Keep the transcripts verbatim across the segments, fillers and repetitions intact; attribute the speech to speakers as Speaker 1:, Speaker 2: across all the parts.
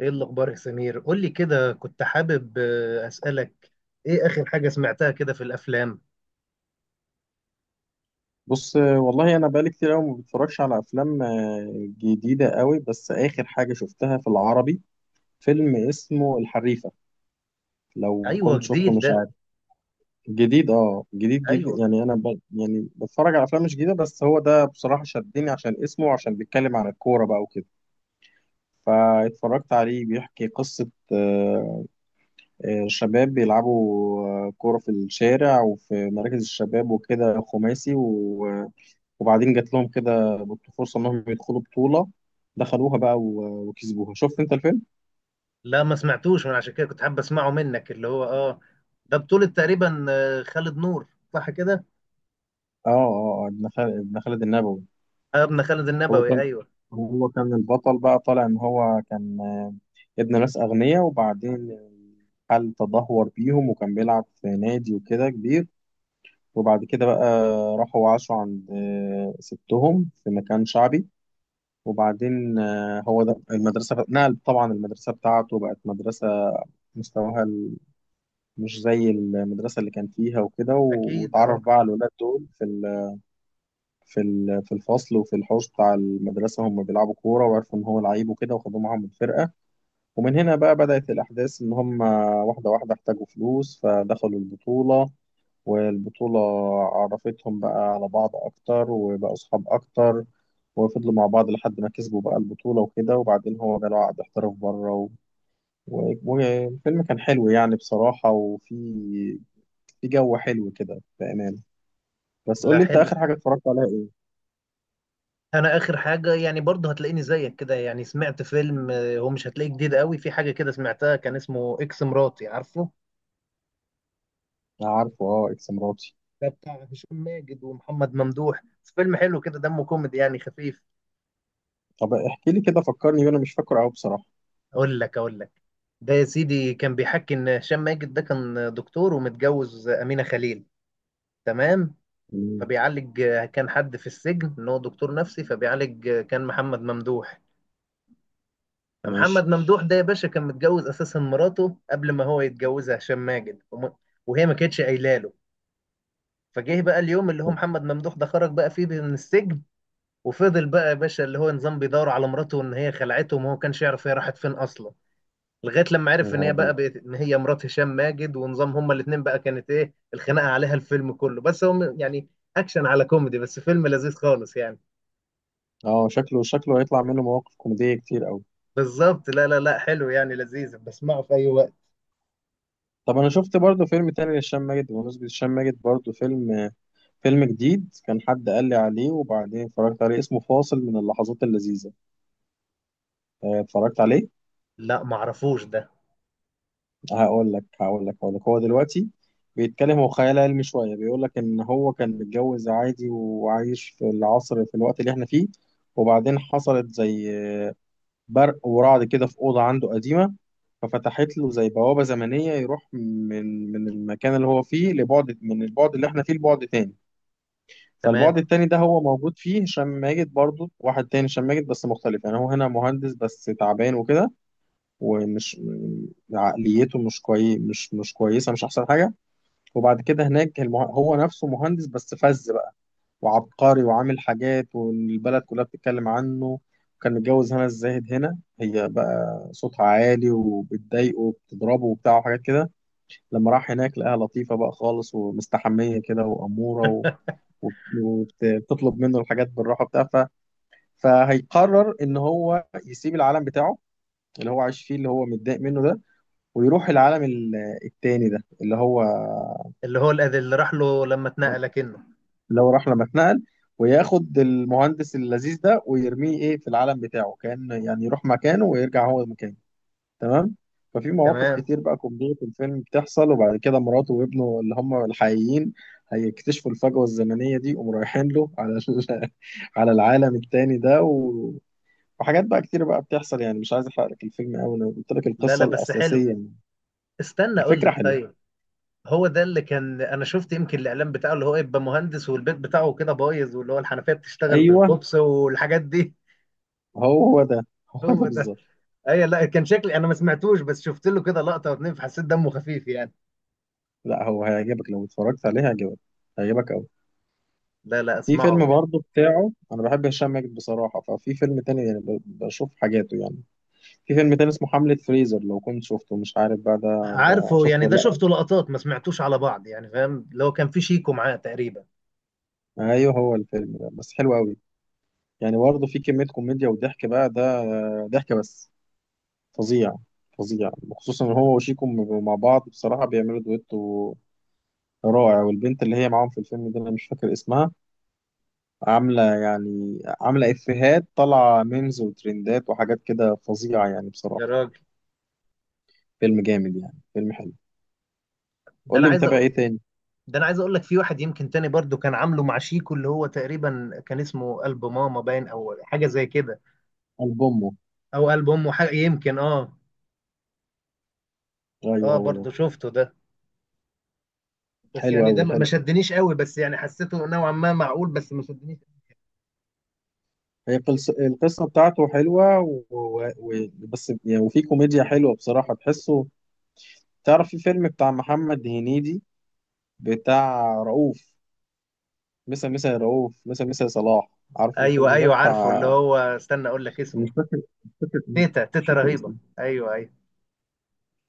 Speaker 1: ايه الاخبار يا سمير؟ قول لي كده، كنت حابب آه، اسالك ايه اخر حاجه سمعتها كده في الافلام؟
Speaker 2: بص، والله انا بقالي كتير قوي ما بتفرجش على افلام آه، جديده قوي. بس اخر حاجه شفتها في العربي فيلم اسمه الحريفه. لو
Speaker 1: ايوه،
Speaker 2: كنت شفته
Speaker 1: جديد
Speaker 2: مش
Speaker 1: ده؟
Speaker 2: عارف. جديد، اه، جديد جديد،
Speaker 1: ايوه.
Speaker 2: يعني انا ب... يعني بتفرج على افلام مش جديده، بس هو ده بصراحه شدني عشان اسمه وعشان بيتكلم عن الكوره بقى وكده. فاتفرجت عليه. بيحكي قصه آه، آه، شباب بيلعبوا آه، كوره في الشارع وفي مراكز الشباب وكده، خماسي. وبعدين جات لهم كده بط- فرصه انهم يدخلوا بطوله. دخلوها بقى و- وكسبوها. شفت انت الفيلم؟
Speaker 1: لا ما سمعتوش، من عشان كده كنت حابب اسمعه منك. اللي هو اه ده بطولة تقريبا آه، خالد نور، صح كده؟
Speaker 2: اه اه، آه، ابن خالد، ابن خالد النبوي.
Speaker 1: آه، ابن خالد
Speaker 2: هو
Speaker 1: النبوي
Speaker 2: كان
Speaker 1: ايوه.
Speaker 2: هو كان البطل بقى. طالع ان هو كان آه، ابن ناس اغنياء، وبعدين حل تدهور بيهم وكان بيلعب في نادي وكده كبير. وبعد كده بقى راحوا وعاشوا عند آه، ستهم في مكان شعبي. وبعدين آه، هو ده المدرسة نقل. طبعا المدرسة بتاعته بقت مدرسة مستواها مش زي المدرسة اللي كان فيها وكده و-
Speaker 1: اكيد اه.
Speaker 2: واتعرف بقى على الولاد دول في ال- في ال- في الفصل وفي الحوش بتاع المدرسة. هم بيلعبوا كورة وعرفوا إن هو لعيب وكده وخدوه معاهم الفرقة. ومن هنا بقى بدأت الأحداث، إن هم واحدة واحدة احتاجوا فلوس فدخلوا البطولة. والبطولة عرفتهم بقى على بعض أكتر وبقوا أصحاب أكتر. وفضلوا مع بعض لحد ما كسبوا بقى البطولة وكده، وبعدين هو جاله عقد احتراف بره و... و- والفيلم كان حلو يعني بصراحة. وفي في جو حلو كده بأمانة. بس قول
Speaker 1: لا،
Speaker 2: لي انت،
Speaker 1: حلو.
Speaker 2: اخر حاجة اتفرجت عليها ايه؟
Speaker 1: انا اخر حاجه يعني برضه هتلاقيني زيك كده، يعني سمعت فيلم، آه، هو مش هتلاقيه جديد قوي، في حاجه كده سمعتها كان اسمه اكس مراتي، عارفه؟
Speaker 2: أنا عارفه، اه، اكس مراتي.
Speaker 1: ده بتاع هشام ماجد ومحمد ممدوح. فيلم حلو كده، دمه كوميدي يعني خفيف.
Speaker 2: طب احكي لي كده، فكرني بيه، انا مش فاكره قوي بصراحة.
Speaker 1: اقول لك اقول لك ده يا سيدي كان بيحكي ان هشام ماجد ده كان دكتور ومتجوز امينه خليل، تمام؟
Speaker 2: مم،
Speaker 1: فبيعالج كان حد في السجن، ان هو دكتور نفسي فبيعالج كان محمد ممدوح. فمحمد
Speaker 2: ماشي.
Speaker 1: ممدوح ده يا باشا كان متجوز اساسا مراته قبل ما هو يتجوزها هشام ماجد وم- وهي ما كانتش قايله له. فجه بقى اليوم اللي هو محمد ممدوح ده خرج بقى فيه من السجن، وفضل بقى يا باشا اللي هو نظام بيدور على مراته، ان هي خلعته وما هو كانش يعرف هي راحت فين اصلا، لغايه لما
Speaker 2: يا
Speaker 1: عرف ان
Speaker 2: نهار
Speaker 1: هي
Speaker 2: ابيض.
Speaker 1: بقى بقت ان هي مرات هشام ماجد، ونظام هما الاثنين بقى كانت ايه الخناقه عليها الفيلم كله، بس هم يعني اكشن على كوميدي، بس فيلم لذيذ خالص يعني.
Speaker 2: اه، شكله شكله هيطلع منه مواقف كوميدية كتير قوي.
Speaker 1: بالظبط. لا لا لا، حلو يعني، لذيذ بسمعه في اي وقت.
Speaker 2: طب انا شفت برضه فيلم تاني لهشام ماجد. بمناسبة هشام ماجد، برضه فيلم فيلم جديد كان حد قال لي عليه وبعدين اتفرجت عليه. اسمه فاصل من اللحظات اللذيذة. آه، اتفرجت عليه.
Speaker 1: لا ما اعرفوش ده.
Speaker 2: هقول لك هقول لك هقول لك هو دلوقتي بيتكلم. هو خيال علمي شويه، بيقول لك ان هو كان متجوز عادي وعايش في العصر في الوقت اللي احنا فيه. وبعدين حصلت زي برق ورعد كده في اوضه عنده قديمه. ففتحت له زي بوابه زمنيه يروح من من المكان اللي هو فيه لبعد، من البعد اللي احنا فيه لبعد تاني.
Speaker 1: تمام.
Speaker 2: فالبعد التاني ده هو موجود فيه هشام ماجد برضه، واحد تاني هشام ماجد بس مختلف. يعني هو هنا مهندس بس تعبان وكده. ومش م- عقليته مش كوي، مش مش كويسه، مش احسن حاجه. وبعد كده هناك المه... هو نفسه مهندس بس فز بقى، وعبقري وعامل حاجات والبلد كلها بتتكلم عنه. كان متجوز هنا الزاهد. هنا هي بقى صوتها عالي وبتضايقه وبتضربه وبتاع وحاجات كده. لما راح هناك لقاها لطيفة بقى خالص ومستحمية كده وأمورة و- وبت- وبتطلب منه الحاجات بالراحة بتاعها. ف- فهيقرر إن هو يسيب العالم بتاعه اللي هو عايش فيه اللي هو متضايق منه ده، ويروح العالم ال- التاني ده، اللي هو
Speaker 1: اللي هو الأذ- اللي راح له لما اتنقل كنه.
Speaker 2: اللي هو راح لما اتنقل، وياخد المهندس اللذيذ ده ويرميه ايه في العالم بتاعه. كان يعني يروح مكانه ويرجع هو مكانه. تمام. ففي مواقف
Speaker 1: تمام.
Speaker 2: كتير بقى كوميدية في الفيلم بتحصل. وبعد كده مراته وابنه اللي هم الحقيقيين هيكتشفوا الفجوة الزمنية دي وقوم رايحين له على ال- على العالم التاني ده و... وحاجات بقى كتير بقى بتحصل يعني. مش عايز احرق لك الفيلم قوي، انا قلت لك
Speaker 1: لا لا،
Speaker 2: القصة
Speaker 1: بس حلو،
Speaker 2: الأساسية يعني.
Speaker 1: استنى اقول
Speaker 2: الفكرة
Speaker 1: لك،
Speaker 2: حلوة.
Speaker 1: طيب. هو ده اللي كان انا شفت يمكن الاعلان بتاعه، اللي هو يبقى مهندس والبيت بتاعه كده بايظ، واللي هو الحنفيه بتشتغل
Speaker 2: ايوه،
Speaker 1: بالكوبس والحاجات دي.
Speaker 2: هو هو ده هو ده
Speaker 1: هو ده.
Speaker 2: بالظبط.
Speaker 1: اي لا، كان شكلي انا ما سمعتوش، بس شفت له كده لقطه واتنين فحسيت دمه خفيف يعني.
Speaker 2: لا، هو هيعجبك. لو اتفرجت عليه هيعجبك، هيعجبك قوي.
Speaker 1: لا لا،
Speaker 2: في
Speaker 1: اسمعه
Speaker 2: فيلم
Speaker 1: يعني.
Speaker 2: برضه بتاعه، انا بحب هشام ماجد بصراحه، ففي فيلم تاني يعني ب- بشوف حاجاته يعني. في فيلم تاني اسمه حملة فريزر. لو كنت شفته مش عارف بقى، ده ده
Speaker 1: عارفه
Speaker 2: شفته
Speaker 1: يعني، ده
Speaker 2: ولا؟
Speaker 1: شفته لقطات ما سمعتوش على بعض، يعني فاهم اللي هو كان في شيكو معاه تقريبا.
Speaker 2: لا ايوه، هو الفيلم ده بس حلو قوي. يعني برضه في كميه كوميديا وضحك بقى ده، ضحك بس فظيع، فظيع. وخصوصا ان هو وشيكو م- مع بعض بصراحه بيعملوا دويتو رائع. والبنت اللي هي معاهم في الفيلم ده انا مش فاكر اسمها، عاملة يعني، عاملة إفيهات طالعة، ميمز وترندات وحاجات كده فظيعة يعني
Speaker 1: يا
Speaker 2: بصراحة.
Speaker 1: راجل.
Speaker 2: فيلم جامد يعني، فيلم حلو.
Speaker 1: ده
Speaker 2: قول
Speaker 1: انا
Speaker 2: لي
Speaker 1: عايز
Speaker 2: متابع
Speaker 1: اقول.
Speaker 2: إيه تاني.
Speaker 1: ده انا عايز اقول لك في واحد يمكن تاني برضو كان عامله مع شيكو، اللي هو تقريبا كان اسمه قلب ماما باين او حاجه زي كده،
Speaker 2: ألبومه؟
Speaker 1: او قلب امه حاجه يمكن. اه،
Speaker 2: أيوه
Speaker 1: اه
Speaker 2: هو ده.
Speaker 1: برضو شفته ده. بس
Speaker 2: حلو
Speaker 1: يعني ده
Speaker 2: أوي،
Speaker 1: ما ما
Speaker 2: حلو.
Speaker 1: شدنيش قوي، بس يعني حسيته نوعا ما معقول، بس ما شدنيش.
Speaker 2: هي قص- القصة بتاعته حلوة و... و... بس يعني، وفي كوميديا حلوة بصراحة تحسه. تعرف في فيلم بتاع محمد هنيدي بتاع رؤوف؟ مسا مسا يا رؤوف، مسا مسا يا صلاح. عارف
Speaker 1: ايوه
Speaker 2: الفيلم ده
Speaker 1: ايوه، عارفه اللي
Speaker 2: بتاع؟
Speaker 1: هو، استنى اقول لك اسمه.
Speaker 2: مش فاكر، مش فاكر
Speaker 1: تيتا
Speaker 2: مش
Speaker 1: تيتا
Speaker 2: فاكر
Speaker 1: رهيبه،
Speaker 2: اسمه.
Speaker 1: ايوه ايوه.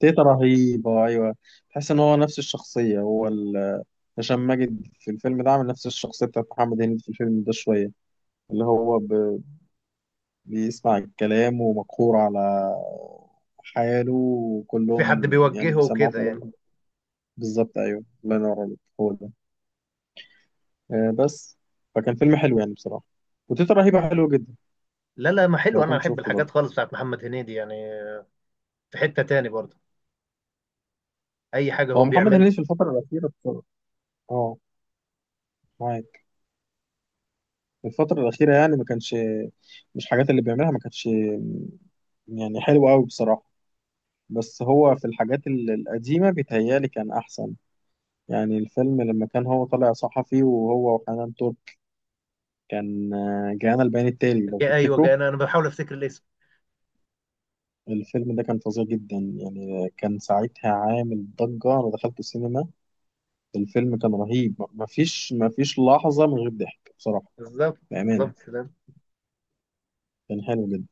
Speaker 2: تيتا رهيبة، أيوة. تحس إن هو نفس الشخصية. هو ال- هشام ماجد في الفيلم ده عامل نفس الشخصية بتاعت محمد هنيدي في الفيلم ده شوية. اللي هو ب... بيسمع الكلام ومقهور على حاله،
Speaker 1: وفي
Speaker 2: وكلهم
Speaker 1: حد
Speaker 2: يعني
Speaker 1: بيوجهه
Speaker 2: بيسمعوا
Speaker 1: وكده يعني.
Speaker 2: كلامه. بالظبط أيوة، الله ينور عليك، هو ده. آه بس. فكان فيلم حلو يعني بصراحة، وتيتا رهيبة حلوة جدا.
Speaker 1: لا لا، ما حلو،
Speaker 2: لو
Speaker 1: انا
Speaker 2: كنت
Speaker 1: بحب
Speaker 2: شفته برضه.
Speaker 1: الحاجات خالص بتاعت محمد هنيدي يعني. في حته تاني برضه، اي حاجه
Speaker 2: هو
Speaker 1: هو
Speaker 2: محمد
Speaker 1: بيعملها.
Speaker 2: هنيدي في الفترة الأخيرة بصراحة، اه، معاك، في الفترة الأخيرة يعني ما كانش، مش الحاجات اللي بيعملها ما كانتش يعني حلو قوي بصراحة. بس هو في الحاجات ال- القديمة بيتهيألي كان أحسن. يعني الفيلم لما كان هو طالع صحفي وهو وحنان ترك، كان آه، جانا البيان التالي لو
Speaker 1: جاء، ايوه
Speaker 2: تفتكروا.
Speaker 1: جاء، انا انا بحاول افتكر الاسم.
Speaker 2: الفيلم ده كان فظيع جدا يعني. كان ساعتها عامل ضجة، أنا دخلت السينما. الفيلم كان رهيب، م- مفيش مفيش لحظة من غير ضحك بصراحة.
Speaker 1: بالظبط
Speaker 2: بأمانة
Speaker 1: بالظبط كده.
Speaker 2: كان حلو جدا.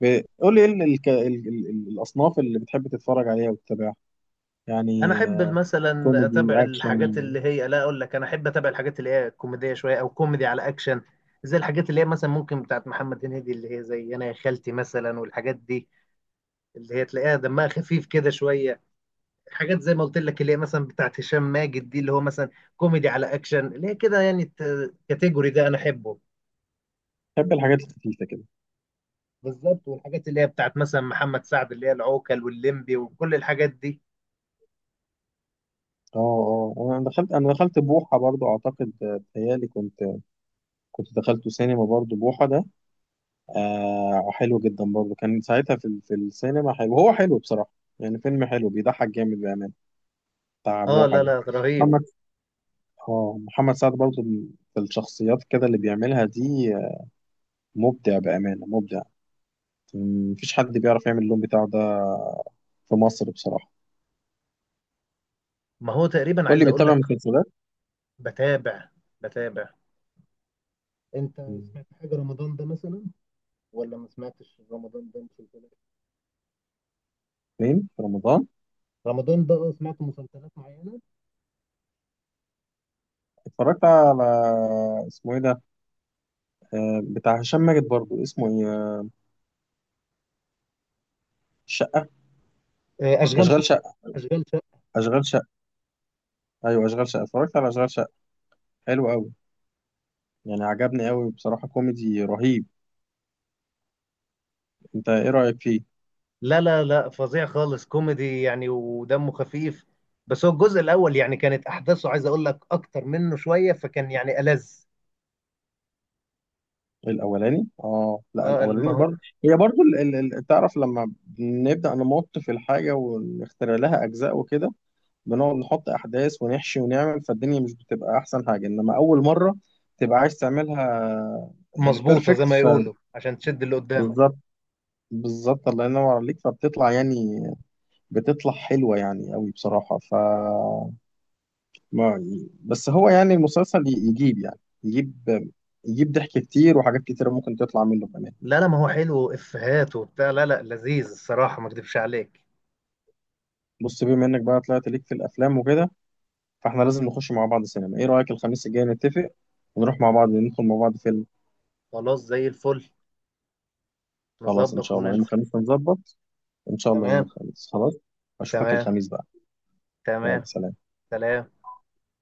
Speaker 2: ب- قول لي إيه ال- الك- ال- ال- الأصناف اللي بتحب تتفرج عليها وتتابعها
Speaker 1: انا
Speaker 2: يعني
Speaker 1: احب
Speaker 2: آه،
Speaker 1: مثلا
Speaker 2: كوميدي
Speaker 1: اتابع الحاجات
Speaker 2: أكشن.
Speaker 1: اللي هي، لا اقول لك، انا احب اتابع الحاجات اللي هي كوميديه شويه او كوميدي على اكشن. زي الحاجات اللي هي مثلا ممكن بتاعت محمد هنيدي اللي هي زي انا يا خالتي مثلا والحاجات دي، اللي هي تلاقيها دمها خفيف كده شويه. حاجات زي ما قلت لك اللي هي مثلا بتاعت هشام ماجد دي، اللي هو مثلا كوميدي على اكشن، اللي هي كده يعني الكاتيجوري ده انا احبه.
Speaker 2: بحب الحاجات الخفيفة كده.
Speaker 1: بالظبط. والحاجات اللي هي بتاعت مثلا محمد سعد، اللي هي العوكل واللمبي وكل الحاجات دي.
Speaker 2: اه اه، انا دخلت، انا دخلت بوحه برضو اعتقد. آه، بتهيألي كنت كنت دخلته سينما برضو بوحه ده. آه حلو جدا برضو. كان ساعتها في ال- في السينما حلو، هو حلو بصراحه، يعني فيلم حلو بيضحك جامد بامانه، بتاع
Speaker 1: اه
Speaker 2: بوحه
Speaker 1: لا
Speaker 2: ده.
Speaker 1: لا، رهيب.
Speaker 2: محمد اه محمد سعد برضو م- في الشخصيات كده اللي بيعملها دي آه، مبدع بامانه مبدع. م- مفيش حد بيعرف يعمل اللون بتاعه ده في مصر بصراحه.
Speaker 1: ما هو تقريبا
Speaker 2: قول
Speaker 1: عايز
Speaker 2: لي،
Speaker 1: اقول
Speaker 2: بتتابع
Speaker 1: لك.
Speaker 2: مسلسلات؟
Speaker 1: بتابع. بتابع. انت
Speaker 2: مم.
Speaker 1: سمعت حاجة رمضان ده مثلا، ولا ما سمعتش؟ رمضان ده مسلسلات؟
Speaker 2: فين؟ في رمضان؟
Speaker 1: رمضان ده اه سمعت مسلسلات معينة.
Speaker 2: اتفرجت على، اسمه ايه ده، آه، بتاع هشام ماجد برضو. اسمه ايه؟ شقة.
Speaker 1: آه، اشغال شقة.
Speaker 2: أشغال شقة.
Speaker 1: اشغال شقة.
Speaker 2: أشغال شقة. أيوه أشغال شقة، اتفرجت على أشغال شقة. حلو أوي. يعني عجبني أوي بصراحة، كوميدي رهيب. أنت إيه رأيك فيه؟
Speaker 1: لا لا لا، فظيع خالص كوميدي يعني، ودمه خفيف. بس هو الجزء الاول يعني كانت احداثه عايز اقول لك اكتر منه شويه، فكان يعني ألذ.
Speaker 2: الأولاني؟ آه لا
Speaker 1: اه الم-
Speaker 2: الأولاني
Speaker 1: هو-
Speaker 2: برضو. هي برضو ال... ال... ال- تعرف لما نبدأ نمط في الحاجة ونخترع لها أجزاء وكده، بنقعد نحط أحداث ونحشي ونعمل. فالدنيا مش بتبقى أحسن حاجة، إنما أول مرة تبقى عايز تعملها يعني
Speaker 1: مظبوطه
Speaker 2: بيرفكت.
Speaker 1: زي ما يقولوا عشان تشد اللي قدامك.
Speaker 2: فبالظبط، بالظبط الله ينور عليك. فبتطلع يعني، بتطلع حلوة يعني قوي بصراحة. ف ما بس هو يعني المسلسل ي- يجيب يعني، يجيب يجيب ضحك كتير وحاجات كتيرة ممكن تطلع منه كمان.
Speaker 1: لا لا، ما هو حلو افهات وبتاع، لا لا لذيذ الصراحه ما اكدبش عليك.
Speaker 2: بص، بما انك بقى طلعت ليك في الافلام وكده، فاحنا لازم نخش مع بعض السينما. ايه رأيك الخميس الجاي نتفق ونروح مع بعض، ندخل مع بعض فيلم؟
Speaker 1: خلاص، زي الفل،
Speaker 2: خلاص ان
Speaker 1: نظبط
Speaker 2: شاء الله يوم
Speaker 1: وننزل.
Speaker 2: الخميس هنظبط، ان شاء الله يوم
Speaker 1: تمام.
Speaker 2: الخميس خلاص. اشوفك
Speaker 1: تمام.
Speaker 2: الخميس بقى. يلا
Speaker 1: تمام.
Speaker 2: سلام.
Speaker 1: سلام.